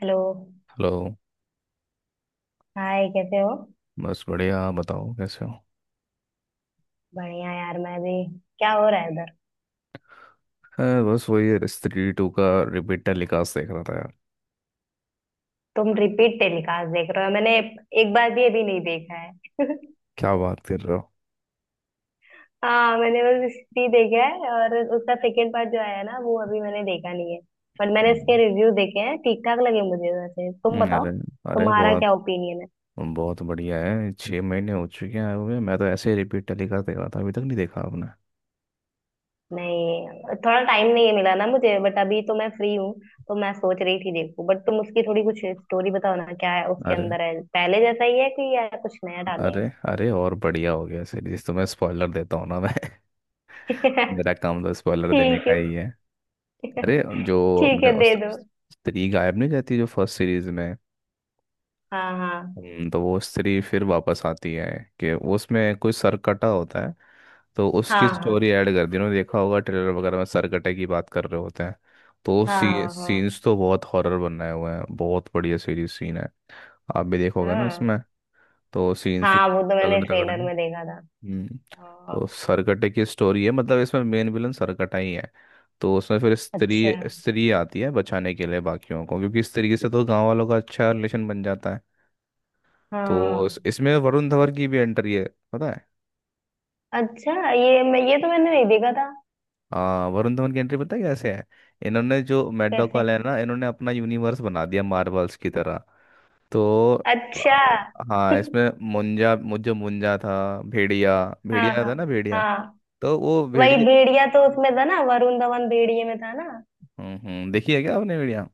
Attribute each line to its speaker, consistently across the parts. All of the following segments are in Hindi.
Speaker 1: हेलो।
Speaker 2: हेलो।
Speaker 1: हाय, कैसे हो।
Speaker 2: बस बढ़िया, आप बताओ कैसे हो।
Speaker 1: बढ़िया यार, मैं भी। क्या हो रहा है उधर।
Speaker 2: हाँ, बस वही स्त्री टू का रिपीटेड लिकास देख रहा था यार।
Speaker 1: तुम रिपीट टेलीकास्ट देख रहे हो? मैंने एक बार भी अभी नहीं देखा है।
Speaker 2: क्या बात कर रहे हो।
Speaker 1: हाँ, मैंने बस हिस्ट्री देखा है और उसका सेकेंड पार्ट जो आया ना, वो अभी मैंने देखा नहीं है। बट मैंने इसके
Speaker 2: हम्म,
Speaker 1: रिव्यू देखे हैं, ठीक ठाक लगे मुझे। वैसे तुम बताओ,
Speaker 2: अरे अरे
Speaker 1: तुम्हारा क्या
Speaker 2: बहुत
Speaker 1: ओपिनियन है।
Speaker 2: बहुत बढ़िया है। 6 महीने हो चुके हैं आए हुए। मैं तो ऐसे ही रिपीट टेलीकास्ट देख रहा था। अभी तक नहीं देखा आपने।
Speaker 1: नहीं, थोड़ा टाइम नहीं मिला ना मुझे, बट अभी तो मैं फ्री हूँ। तो मैं सोच रही थी देखूं। बट तुम उसकी थोड़ी कुछ स्टोरी बताओ ना, क्या है उसके
Speaker 2: अरे,
Speaker 1: अंदर, है पहले जैसा ही है कि या कुछ नया डाले
Speaker 2: अरे, अरे और बढ़िया हो गया सीरीज। तो मैं स्पॉइलर देता हूँ ना, मैं।
Speaker 1: हैं?
Speaker 2: मेरा काम तो स्पॉइलर देने
Speaker 1: ठीक
Speaker 2: का
Speaker 1: है।
Speaker 2: ही है। अरे जो
Speaker 1: ठीक
Speaker 2: हमने
Speaker 1: है, दे दो।
Speaker 2: स्त्री गायब नहीं जाती जो फर्स्ट सीरीज में।
Speaker 1: हाँ, हाँ,
Speaker 2: तो वो स्त्री फिर वापस आती है, कि उसमें कोई सरकटा होता है। तो उसकी
Speaker 1: हाँ।
Speaker 2: स्टोरी ऐड कर दी उन्होंने। देखा होगा ट्रेलर वगैरह में सरकटे की बात कर रहे होते हैं। तो
Speaker 1: हाँ,
Speaker 2: सी,
Speaker 1: हाँ, हाँ।
Speaker 2: सीन्स तो बहुत हॉरर बनाए हुए हैं, बहुत बढ़िया सीरीज सीन है। आप भी देखोगे ना
Speaker 1: हाँ,
Speaker 2: इसमें। तो सीन्स भी
Speaker 1: हाँ। वो
Speaker 2: बहुत
Speaker 1: तो मैंने
Speaker 2: तगड़े तगड़े
Speaker 1: ट्रेलर
Speaker 2: हैं।
Speaker 1: में देखा था।
Speaker 2: हम्म
Speaker 1: हाँ,
Speaker 2: तो सरकटे की स्टोरी है, मतलब इसमें मेन विलन सरकटा ही है। तो उसमें फिर
Speaker 1: अच्छा।
Speaker 2: स्त्री स्त्री आती है बचाने के लिए बाकियों को, क्योंकि स्त्री से तो गांव वालों का अच्छा रिलेशन बन जाता है। तो
Speaker 1: हाँ।
Speaker 2: इसमें वरुण धवन की भी एंट्री है, पता है।
Speaker 1: अच्छा, ये मैं, ये तो मैंने नहीं देखा था।
Speaker 2: हाँ, वरुण धवन की एंट्री पता है कैसे है। इन्होंने जो मैड डॉग
Speaker 1: कैसे?
Speaker 2: वाला है ना, इन्होंने अपना यूनिवर्स बना दिया मार्वल्स की तरह। तो आ,
Speaker 1: अच्छा।
Speaker 2: हाँ, इसमें मुंजा जो मुंजा था। भेड़िया
Speaker 1: हाँ,
Speaker 2: भेड़िया
Speaker 1: हाँ,
Speaker 2: था ना, भेड़िया।
Speaker 1: हाँ।
Speaker 2: तो वो
Speaker 1: वही
Speaker 2: भेड़िया।
Speaker 1: भेड़िया तो उसमें था ना, वरुण धवन भेड़िए में था ना।
Speaker 2: हम्म, हम्म, देखी है क्या आपने भेड़िया।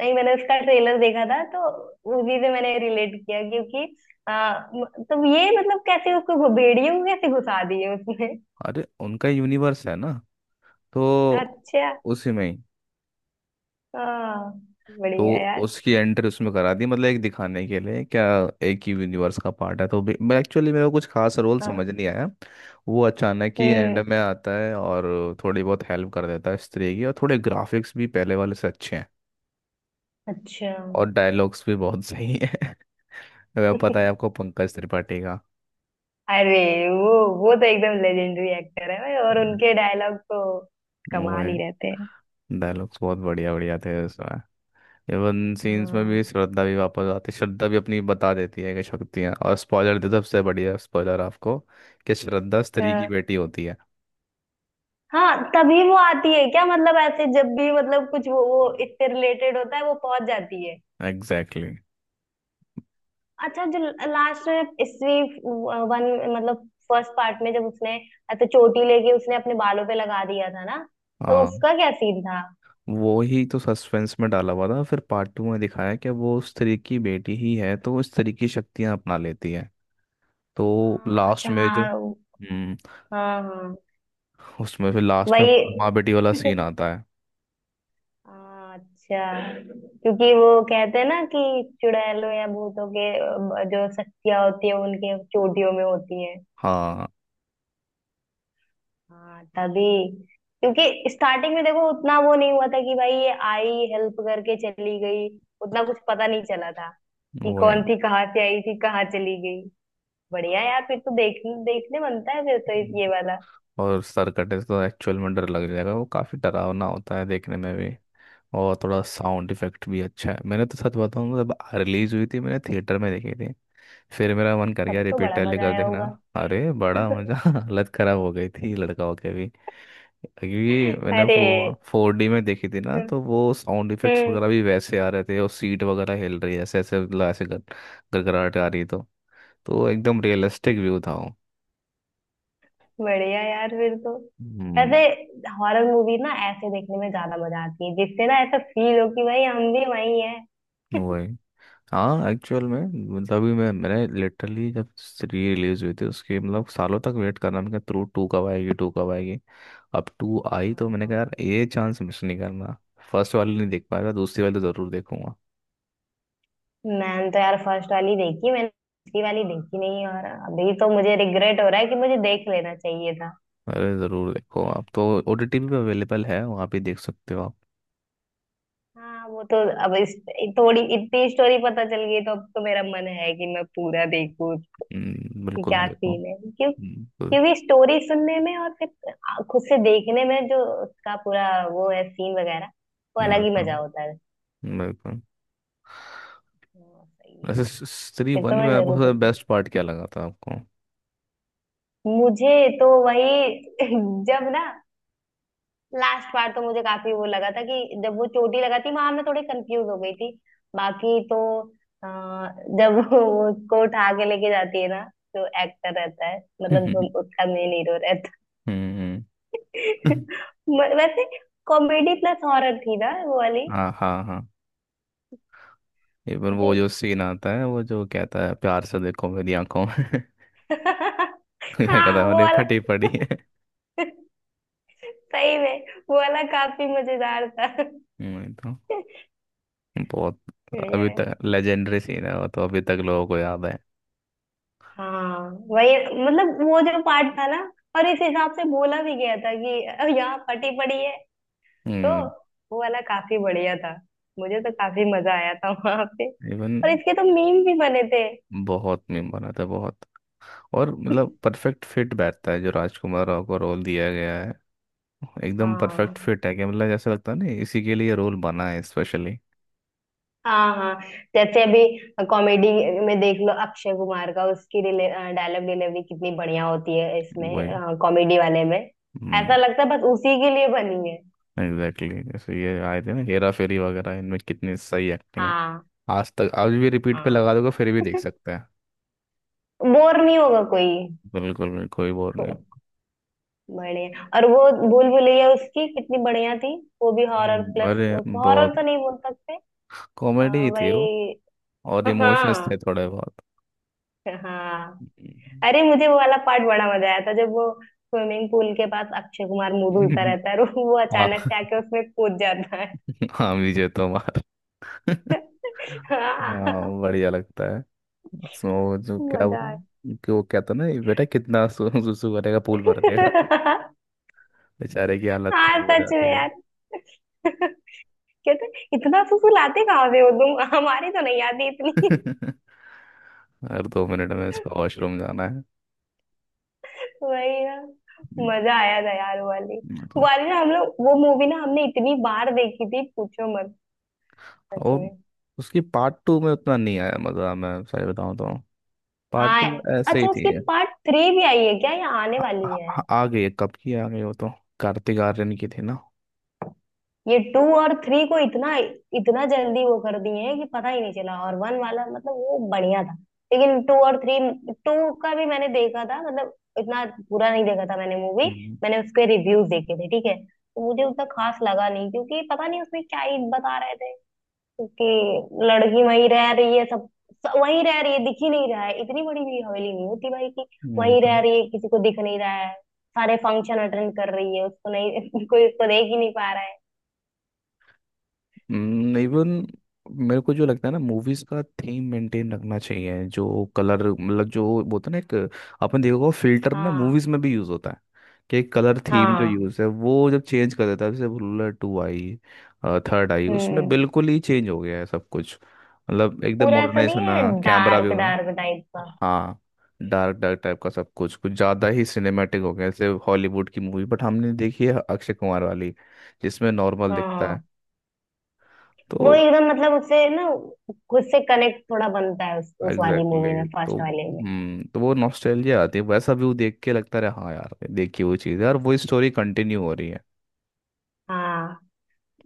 Speaker 1: नहीं, मैंने उसका ट्रेलर देखा था तो उसी से मैंने रिलेट किया, क्योंकि तो ये मतलब कैसे उसको भेड़िए को कैसे घुसा दिए उसमें।
Speaker 2: अरे, उनका यूनिवर्स है ना, तो
Speaker 1: अच्छा।
Speaker 2: उसी में ही।
Speaker 1: हाँ, बढ़िया
Speaker 2: तो
Speaker 1: यार।
Speaker 2: उसकी एंट्री उसमें करा दी, मतलब एक दिखाने के लिए क्या, एक ही यूनिवर्स का पार्ट है तो मैं एक्चुअली, मेरे को कुछ खास रोल
Speaker 1: हाँ।
Speaker 2: समझ नहीं आया। वो अचानक ही एंड
Speaker 1: हम्म।
Speaker 2: में आता है और थोड़ी बहुत हेल्प कर देता है स्त्री की, और थोड़े ग्राफिक्स भी पहले वाले से अच्छे हैं।
Speaker 1: अच्छा।
Speaker 2: और डायलॉग्स भी बहुत सही है। अगर पता है आपको पंकज त्रिपाठी का।
Speaker 1: अरे वो तो एकदम लेजेंडरी एक्टर है भाई, और
Speaker 2: हम्म,
Speaker 1: उनके डायलॉग तो
Speaker 2: वो
Speaker 1: कमाल
Speaker 2: है,
Speaker 1: ही रहते हैं।
Speaker 2: डायलॉग्स बहुत बढ़िया बढ़िया थे। एवन सीन्स में
Speaker 1: हाँ,
Speaker 2: भी श्रद्धा भी वापस आती है, श्रद्धा भी अपनी बता देती है कि शक्तियाँ। और स्पॉइलर दे सबसे बढ़िया स्पॉइलर आपको, कि श्रद्धा स्त्री की
Speaker 1: हाँ,
Speaker 2: बेटी होती है।
Speaker 1: हाँ, तभी वो आती है क्या? मतलब ऐसे जब भी मतलब कुछ वो इससे रिलेटेड होता है, वो पहुंच जाती है।
Speaker 2: Exactly exactly।
Speaker 1: अच्छा, जो लास्ट में इसी वन, मतलब फर्स्ट पार्ट में, जब उसने ऐसे चोटी लेके उसने अपने बालों पे लगा दिया था ना, तो
Speaker 2: हाँ,
Speaker 1: उसका क्या सीन था?
Speaker 2: वो ही तो सस्पेंस में डाला हुआ था, फिर पार्ट टू में दिखाया कि वो स्त्री की बेटी ही है, तो वो स्त्री की शक्तियाँ अपना लेती है। तो
Speaker 1: हाँ,
Speaker 2: लास्ट
Speaker 1: अच्छा।
Speaker 2: में जो
Speaker 1: हाँ, हाँ, हाँ,
Speaker 2: उसमें फिर लास्ट में
Speaker 1: वही।
Speaker 2: माँ बेटी वाला सीन आता है।
Speaker 1: हाँ, अच्छा। क्योंकि वो कहते हैं ना कि चुड़ैलों या भूतों के जो शक्तियां होती है उनके चोटियों में होती है।
Speaker 2: हाँ
Speaker 1: हाँ तभी, क्योंकि स्टार्टिंग में देखो, उतना वो नहीं हुआ था कि भाई ये आई हेल्प करके चली गई। उतना कुछ पता नहीं चला था कि
Speaker 2: वो है।
Speaker 1: कौन थी, कहाँ से आई थी, कहाँ चली गई। बढ़िया यार, फिर तो देखने देखने बनता है, फिर तो ये वाला।
Speaker 2: और सर कटे तो एक्चुअल में डर लग जाएगा, वो काफी डरावना होता है देखने में भी। और थोड़ा साउंड इफेक्ट भी अच्छा है। मैंने तो सच बताऊँ, जब रिलीज हुई थी मैंने थिएटर में देखी थी, फिर मेरा मन कर गया
Speaker 1: तब तो
Speaker 2: रिपीट
Speaker 1: बड़ा मजा
Speaker 2: टेलीकास्ट
Speaker 1: आया
Speaker 2: देखना।
Speaker 1: होगा।
Speaker 2: अरे बड़ा मज़ा हालत ख़राब हो गई थी लड़का होके भी। क्योंकि मैंने
Speaker 1: अरे।
Speaker 2: वो 4D में देखी थी ना, तो वो साउंड इफेक्ट्स
Speaker 1: हम्म।
Speaker 2: वगैरह भी वैसे आ रहे थे और सीट वगैरह हिल रही है ऐसे ऐसे, मतलब ऐसे गड़गड़ाहट आ रही तो एकदम रियलिस्टिक व्यू था वो।
Speaker 1: बढ़िया यार, फिर तो
Speaker 2: हम्म,
Speaker 1: ऐसे हॉरर मूवी ना ऐसे देखने में ज्यादा मजा आती है, जिससे ना ऐसा फील हो कि भाई हम भी वही हैं।
Speaker 2: वही। हाँ, एक्चुअल में, मतलब अभी मैंने लिटरली जब री रिलीज हुई थी उसके, मतलब सालों तक वेट करना, मैंने कहा टू टू कब आएगी, टू कब आएगी। अब टू आई तो मैंने कहा
Speaker 1: हाँ,
Speaker 2: यार, ये चांस मिस नहीं करना। फर्स्ट वाली नहीं देख पाया था, दूसरी वाली तो ज़रूर देखूंगा।
Speaker 1: मैंने तो यार फर्स्ट वाली देखी, मैंने दूसरी वाली देखी नहीं, और अभी तो मुझे रिग्रेट हो रहा है कि मुझे देख लेना चाहिए था।
Speaker 2: अरे ज़रूर देखो आप तो। OTT पे अवेलेबल है, वहाँ पे देख सकते हो आप।
Speaker 1: हाँ, वो तो। अब इस, थोड़ी इतनी स्टोरी पता चल गई, तो अब तो मेरा मन है कि मैं पूरा देखूं, कि
Speaker 2: बिल्कुल
Speaker 1: क्या
Speaker 2: देखो।
Speaker 1: सीन है क्यों,
Speaker 2: बिल्कुल,
Speaker 1: क्योंकि स्टोरी सुनने में और फिर खुद से देखने में जो उसका पूरा वो है सीन वगैरह, वो अलग ही
Speaker 2: बिल्कुल,
Speaker 1: मजा होता है।
Speaker 2: बिल्कुल।
Speaker 1: हाँ, सही है।
Speaker 2: ऐसे स्त्री
Speaker 1: फिर
Speaker 2: वन
Speaker 1: तो मैं
Speaker 2: में
Speaker 1: जरूर
Speaker 2: आपको
Speaker 1: देखूंगी।
Speaker 2: बेस्ट पार्ट क्या लगा था आपको।
Speaker 1: मुझे तो वही जब ना लास्ट बार, तो मुझे काफी वो लगा था कि जब वो चोटी लगा थी वहां, मैं थोड़ी कंफ्यूज हो गई थी। बाकी तो अ, जब वो उसको उठा के लेके जाती है ना, जो एक्टर रहता है, मतलब जो उसका मेन हीरो।
Speaker 2: हम्म,
Speaker 1: वैसे कॉमेडी प्लस हॉरर थी ना वो वाली।
Speaker 2: हाँ, हाँ, हाँ। इवन वो
Speaker 1: वैसे।
Speaker 2: जो सीन आता है, वो जो कहता है प्यार से देखो मेरी आंखों में। या कहता
Speaker 1: हाँ,
Speaker 2: है
Speaker 1: वो
Speaker 2: अरे
Speaker 1: वाला।
Speaker 2: फटी पड़ी है।
Speaker 1: सही में, वो वाला काफी मजेदार था।
Speaker 2: तो बहुत,
Speaker 1: बढ़िया
Speaker 2: अभी
Speaker 1: है।
Speaker 2: तक लेजेंडरी सीन है वो, तो अभी तक लोगों को याद है।
Speaker 1: हाँ, वही। मतलब वो जो पार्ट था ना, और इस हिसाब से बोला भी गया था कि यहाँ फटी पड़ी है"। तो
Speaker 2: हम्म
Speaker 1: वो वाला काफी बढ़िया था, मुझे तो काफी मजा आया था वहां पे। और
Speaker 2: इवन
Speaker 1: इसके तो मीम भी बने थे।
Speaker 2: बहुत मीम बना था, बहुत, और मतलब परफेक्ट फिट बैठता है जो राजकुमार राव को रोल दिया गया है। एकदम
Speaker 1: हाँ,
Speaker 2: परफेक्ट फिट है कि मतलब, जैसे लगता है ना, इसी के लिए रोल बना है स्पेशली।
Speaker 1: हाँ, हाँ। जैसे अभी कॉमेडी में देख लो, अक्षय कुमार का, उसकी डिले डायलॉग डिलीवरी कितनी बढ़िया होती है
Speaker 2: वही।
Speaker 1: इसमें कॉमेडी वाले में।
Speaker 2: हम्म
Speaker 1: ऐसा लगता है बस उसी के लिए बनी है।
Speaker 2: एग्जैक्टली जैसे ये आए थे ना हेरा फेरी वगैरह, इनमें कितनी सही एक्टिंग है।
Speaker 1: हाँ,
Speaker 2: आज तक आज भी रिपीट पे
Speaker 1: हाँ।
Speaker 2: लगा दोगे फिर भी देख सकते हैं।
Speaker 1: बोर नहीं होगा कोई।
Speaker 2: बिल्कुल, बिल्कुल, कोई बोर नहीं होगा।
Speaker 1: बढ़िया। और वो भूल भुलैया उसकी कितनी बढ़िया थी, वो भी हॉरर प्लस।
Speaker 2: अरे
Speaker 1: हॉरर
Speaker 2: बहुत
Speaker 1: तो नहीं बोल सकते। अ,
Speaker 2: कॉमेडी थी वो,
Speaker 1: वही।
Speaker 2: और इमोशंस थे
Speaker 1: हाँ,
Speaker 2: थोड़े बहुत।
Speaker 1: हाँ।
Speaker 2: हम्म,
Speaker 1: अरे, मुझे वो वाला पार्ट बड़ा मजा आया था, जब वो स्विमिंग पूल के पास अक्षय कुमार मुंह धुलता रहता है और वो
Speaker 2: हाँ,
Speaker 1: अचानक से आके उसमें कूद जाता है।
Speaker 2: हाँ, विजय तोमार।
Speaker 1: हाँ,
Speaker 2: हाँ बढ़िया लगता है। उसमें वो जो क्या वो,
Speaker 1: मजा आया।
Speaker 2: कि वो कहता ना, ये बेटा कितना सुसु करेगा, पूल भर देगा। बेचारे की हालत
Speaker 1: हाँ,
Speaker 2: खराब हो
Speaker 1: सच
Speaker 2: जाती
Speaker 1: में
Speaker 2: है।
Speaker 1: यार। कहते, इतना फुसलाते कहाँ से हो तुम, हमारी तो नहीं आती इतनी।
Speaker 2: हर 2 मिनट में इसको वॉशरूम जाना है।
Speaker 1: वही ना, मजा आया था यार वो वाली।
Speaker 2: हम्म,
Speaker 1: वो वाली ना, हम लोग वो मूवी ना, हमने इतनी बार देखी थी पूछो मत। सच
Speaker 2: और
Speaker 1: में।
Speaker 2: उसकी पार्ट टू में उतना नहीं आया मज़ा, मैं सही बताऊँ तो, पार्ट
Speaker 1: हाँ,
Speaker 2: टू ऐसे ही
Speaker 1: अच्छा,
Speaker 2: थी।
Speaker 1: उसकी पार्ट थ्री भी आई है क्या या आने वाली है?
Speaker 2: आ गई है, कब की आ गई वो तो। कार्तिक आर्यन की थी ना।
Speaker 1: ये टू और थ्री को इतना इतना जल्दी वो कर दिए हैं कि पता ही नहीं चला, और वन वाला मतलब वो बढ़िया था। लेकिन टू और थ्री, टू का भी मैंने देखा था मतलब इतना, पूरा नहीं देखा था मैंने मूवी।
Speaker 2: हम्म,
Speaker 1: मैंने उसके रिव्यूज देखे थे, ठीक है, तो मुझे उतना खास लगा नहीं, क्योंकि पता नहीं उसमें क्या ही बता रहे थे। क्योंकि लड़की वहीं रह रही है, सब सब वहीं रह रही है, दिख ही नहीं रहा है। इतनी बड़ी भी हवेली नहीं होती भाई कि
Speaker 2: वही
Speaker 1: वहीं
Speaker 2: तो।
Speaker 1: रह रही है किसी को दिख नहीं रहा है। सारे फंक्शन अटेंड कर रही है, उसको नहीं कोई उसको देख ही नहीं पा रहा है।
Speaker 2: इवन मेरे को जो लगता है ना, मूवीज का थीम मेंटेन रखना चाहिए, जो कलर, मतलब जो बोलते हैं ना एक, आपने देखा होगा फिल्टर ना,
Speaker 1: हाँ,
Speaker 2: मूवीज में भी यूज होता है कि कलर थीम जो
Speaker 1: हाँ।
Speaker 2: यूज है वो जब चेंज कर देता है, जैसे रूलर टू आई, थर्ड आई उसमें
Speaker 1: हम्म।
Speaker 2: बिल्कुल ही चेंज हो गया है सब कुछ, मतलब एकदम
Speaker 1: पूरा ऐसा
Speaker 2: मॉडर्नाइज
Speaker 1: नहीं
Speaker 2: होना
Speaker 1: है
Speaker 2: कैमरा भी
Speaker 1: डार्क
Speaker 2: होगा।
Speaker 1: डार्क टाइप का।
Speaker 2: हाँ, डार्क डार्क टाइप का सब कुछ, कुछ ज़्यादा ही सिनेमैटिक हो गया, जैसे हॉलीवुड की मूवी। बट हमने देखी है अक्षय कुमार वाली, जिसमें नॉर्मल दिखता है,
Speaker 1: हाँ,
Speaker 2: तो
Speaker 1: वो एकदम मतलब उससे ना, खुद से कनेक्ट थोड़ा बनता है उस वाली
Speaker 2: एग्जैक्टली
Speaker 1: मूवी में,
Speaker 2: exactly।
Speaker 1: फर्स्ट वाले में।
Speaker 2: तो वो नॉस्टैल्जिया आती है, वैसा व्यू देख के लगता रहा हाँ यार, देखी वो चीज़ है और वो स्टोरी कंटिन्यू हो रही है।
Speaker 1: हाँ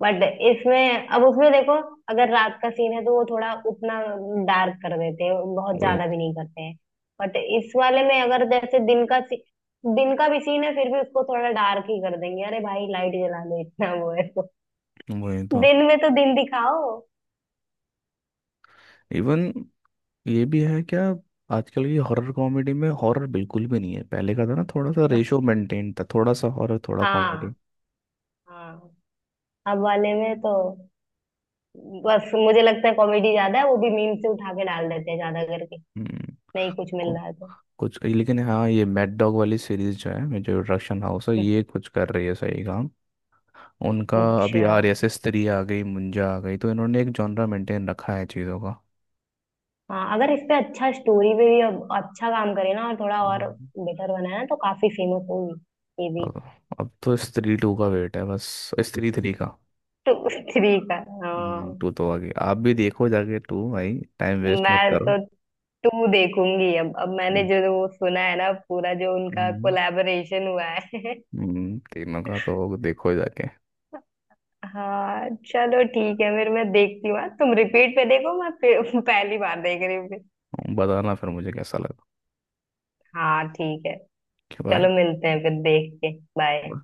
Speaker 1: बट इसमें, अब उसमें देखो, अगर रात का सीन है तो वो थोड़ा उतना डार्क कर देते हैं, बहुत
Speaker 2: वही,
Speaker 1: ज्यादा भी नहीं करते हैं। बट इस वाले में अगर जैसे दिन का भी सीन है, फिर भी उसको थोड़ा डार्क ही कर देंगे। अरे भाई लाइट जला दो, इतना वो है तो।
Speaker 2: वही तो।
Speaker 1: दिन में तो दिन दिखाओ।
Speaker 2: इवन ये भी है क्या, आजकल की हॉरर कॉमेडी में हॉरर बिल्कुल भी नहीं है, पहले का था ना थोड़ा सा
Speaker 1: बस।
Speaker 2: रेशो मेंटेन, था थोड़ा सा हॉरर थोड़ा कॉमेडी।
Speaker 1: हाँ, हाँ। अब वाले में तो बस मुझे लगता है कॉमेडी ज्यादा है, वो भी मीम से उठा के डाल देते हैं ज्यादा करके।
Speaker 2: हम्म
Speaker 1: नहीं कुछ मिल
Speaker 2: को,
Speaker 1: रहा है तो।
Speaker 2: कुछ लेकिन हाँ, ये मैड डॉग वाली सीरीज जो है, जो प्रोडक्शन हाउस है, ये कुछ कर रही है सही काम। उनका अभी आर
Speaker 1: अच्छा।
Speaker 2: एस एस थ्री आ गई, मुंजा आ गई, तो इन्होंने एक जॉनरा मेंटेन रखा है चीज़ों का।
Speaker 1: हाँ, अगर इस पे अच्छा, स्टोरी पे भी अब अच्छा काम करे ना और थोड़ा और
Speaker 2: हम्म।
Speaker 1: बेटर बनाए ना, तो काफी फेमस होगी ये भी।
Speaker 2: अब अब तो स्त्री टू का वेट है बस, स्त्री थ्री का।
Speaker 1: तो थ्री का। हाँ,
Speaker 2: टू तो आगे आप भी देखो जाके, टू भाई, टाइम वेस्ट मत
Speaker 1: मैं
Speaker 2: करो।
Speaker 1: तो टू देखूंगी अब मैंने
Speaker 2: हम्म,
Speaker 1: जो वो सुना है ना पूरा, जो उनका
Speaker 2: हम्म,
Speaker 1: कोलैबोरेशन हुआ है।
Speaker 2: तीनों का तो देखो जाके।
Speaker 1: हाँ, चलो ठीक है, फिर मैं देखती हूँ हाँ। तुम रिपीट पे देखो, मैं फिर पहली बार देख रही हूँ।
Speaker 2: बताना फिर मुझे कैसा लगा।
Speaker 1: हाँ, ठीक है,
Speaker 2: ओके, बाय।
Speaker 1: चलो मिलते हैं फिर देख के। बाय।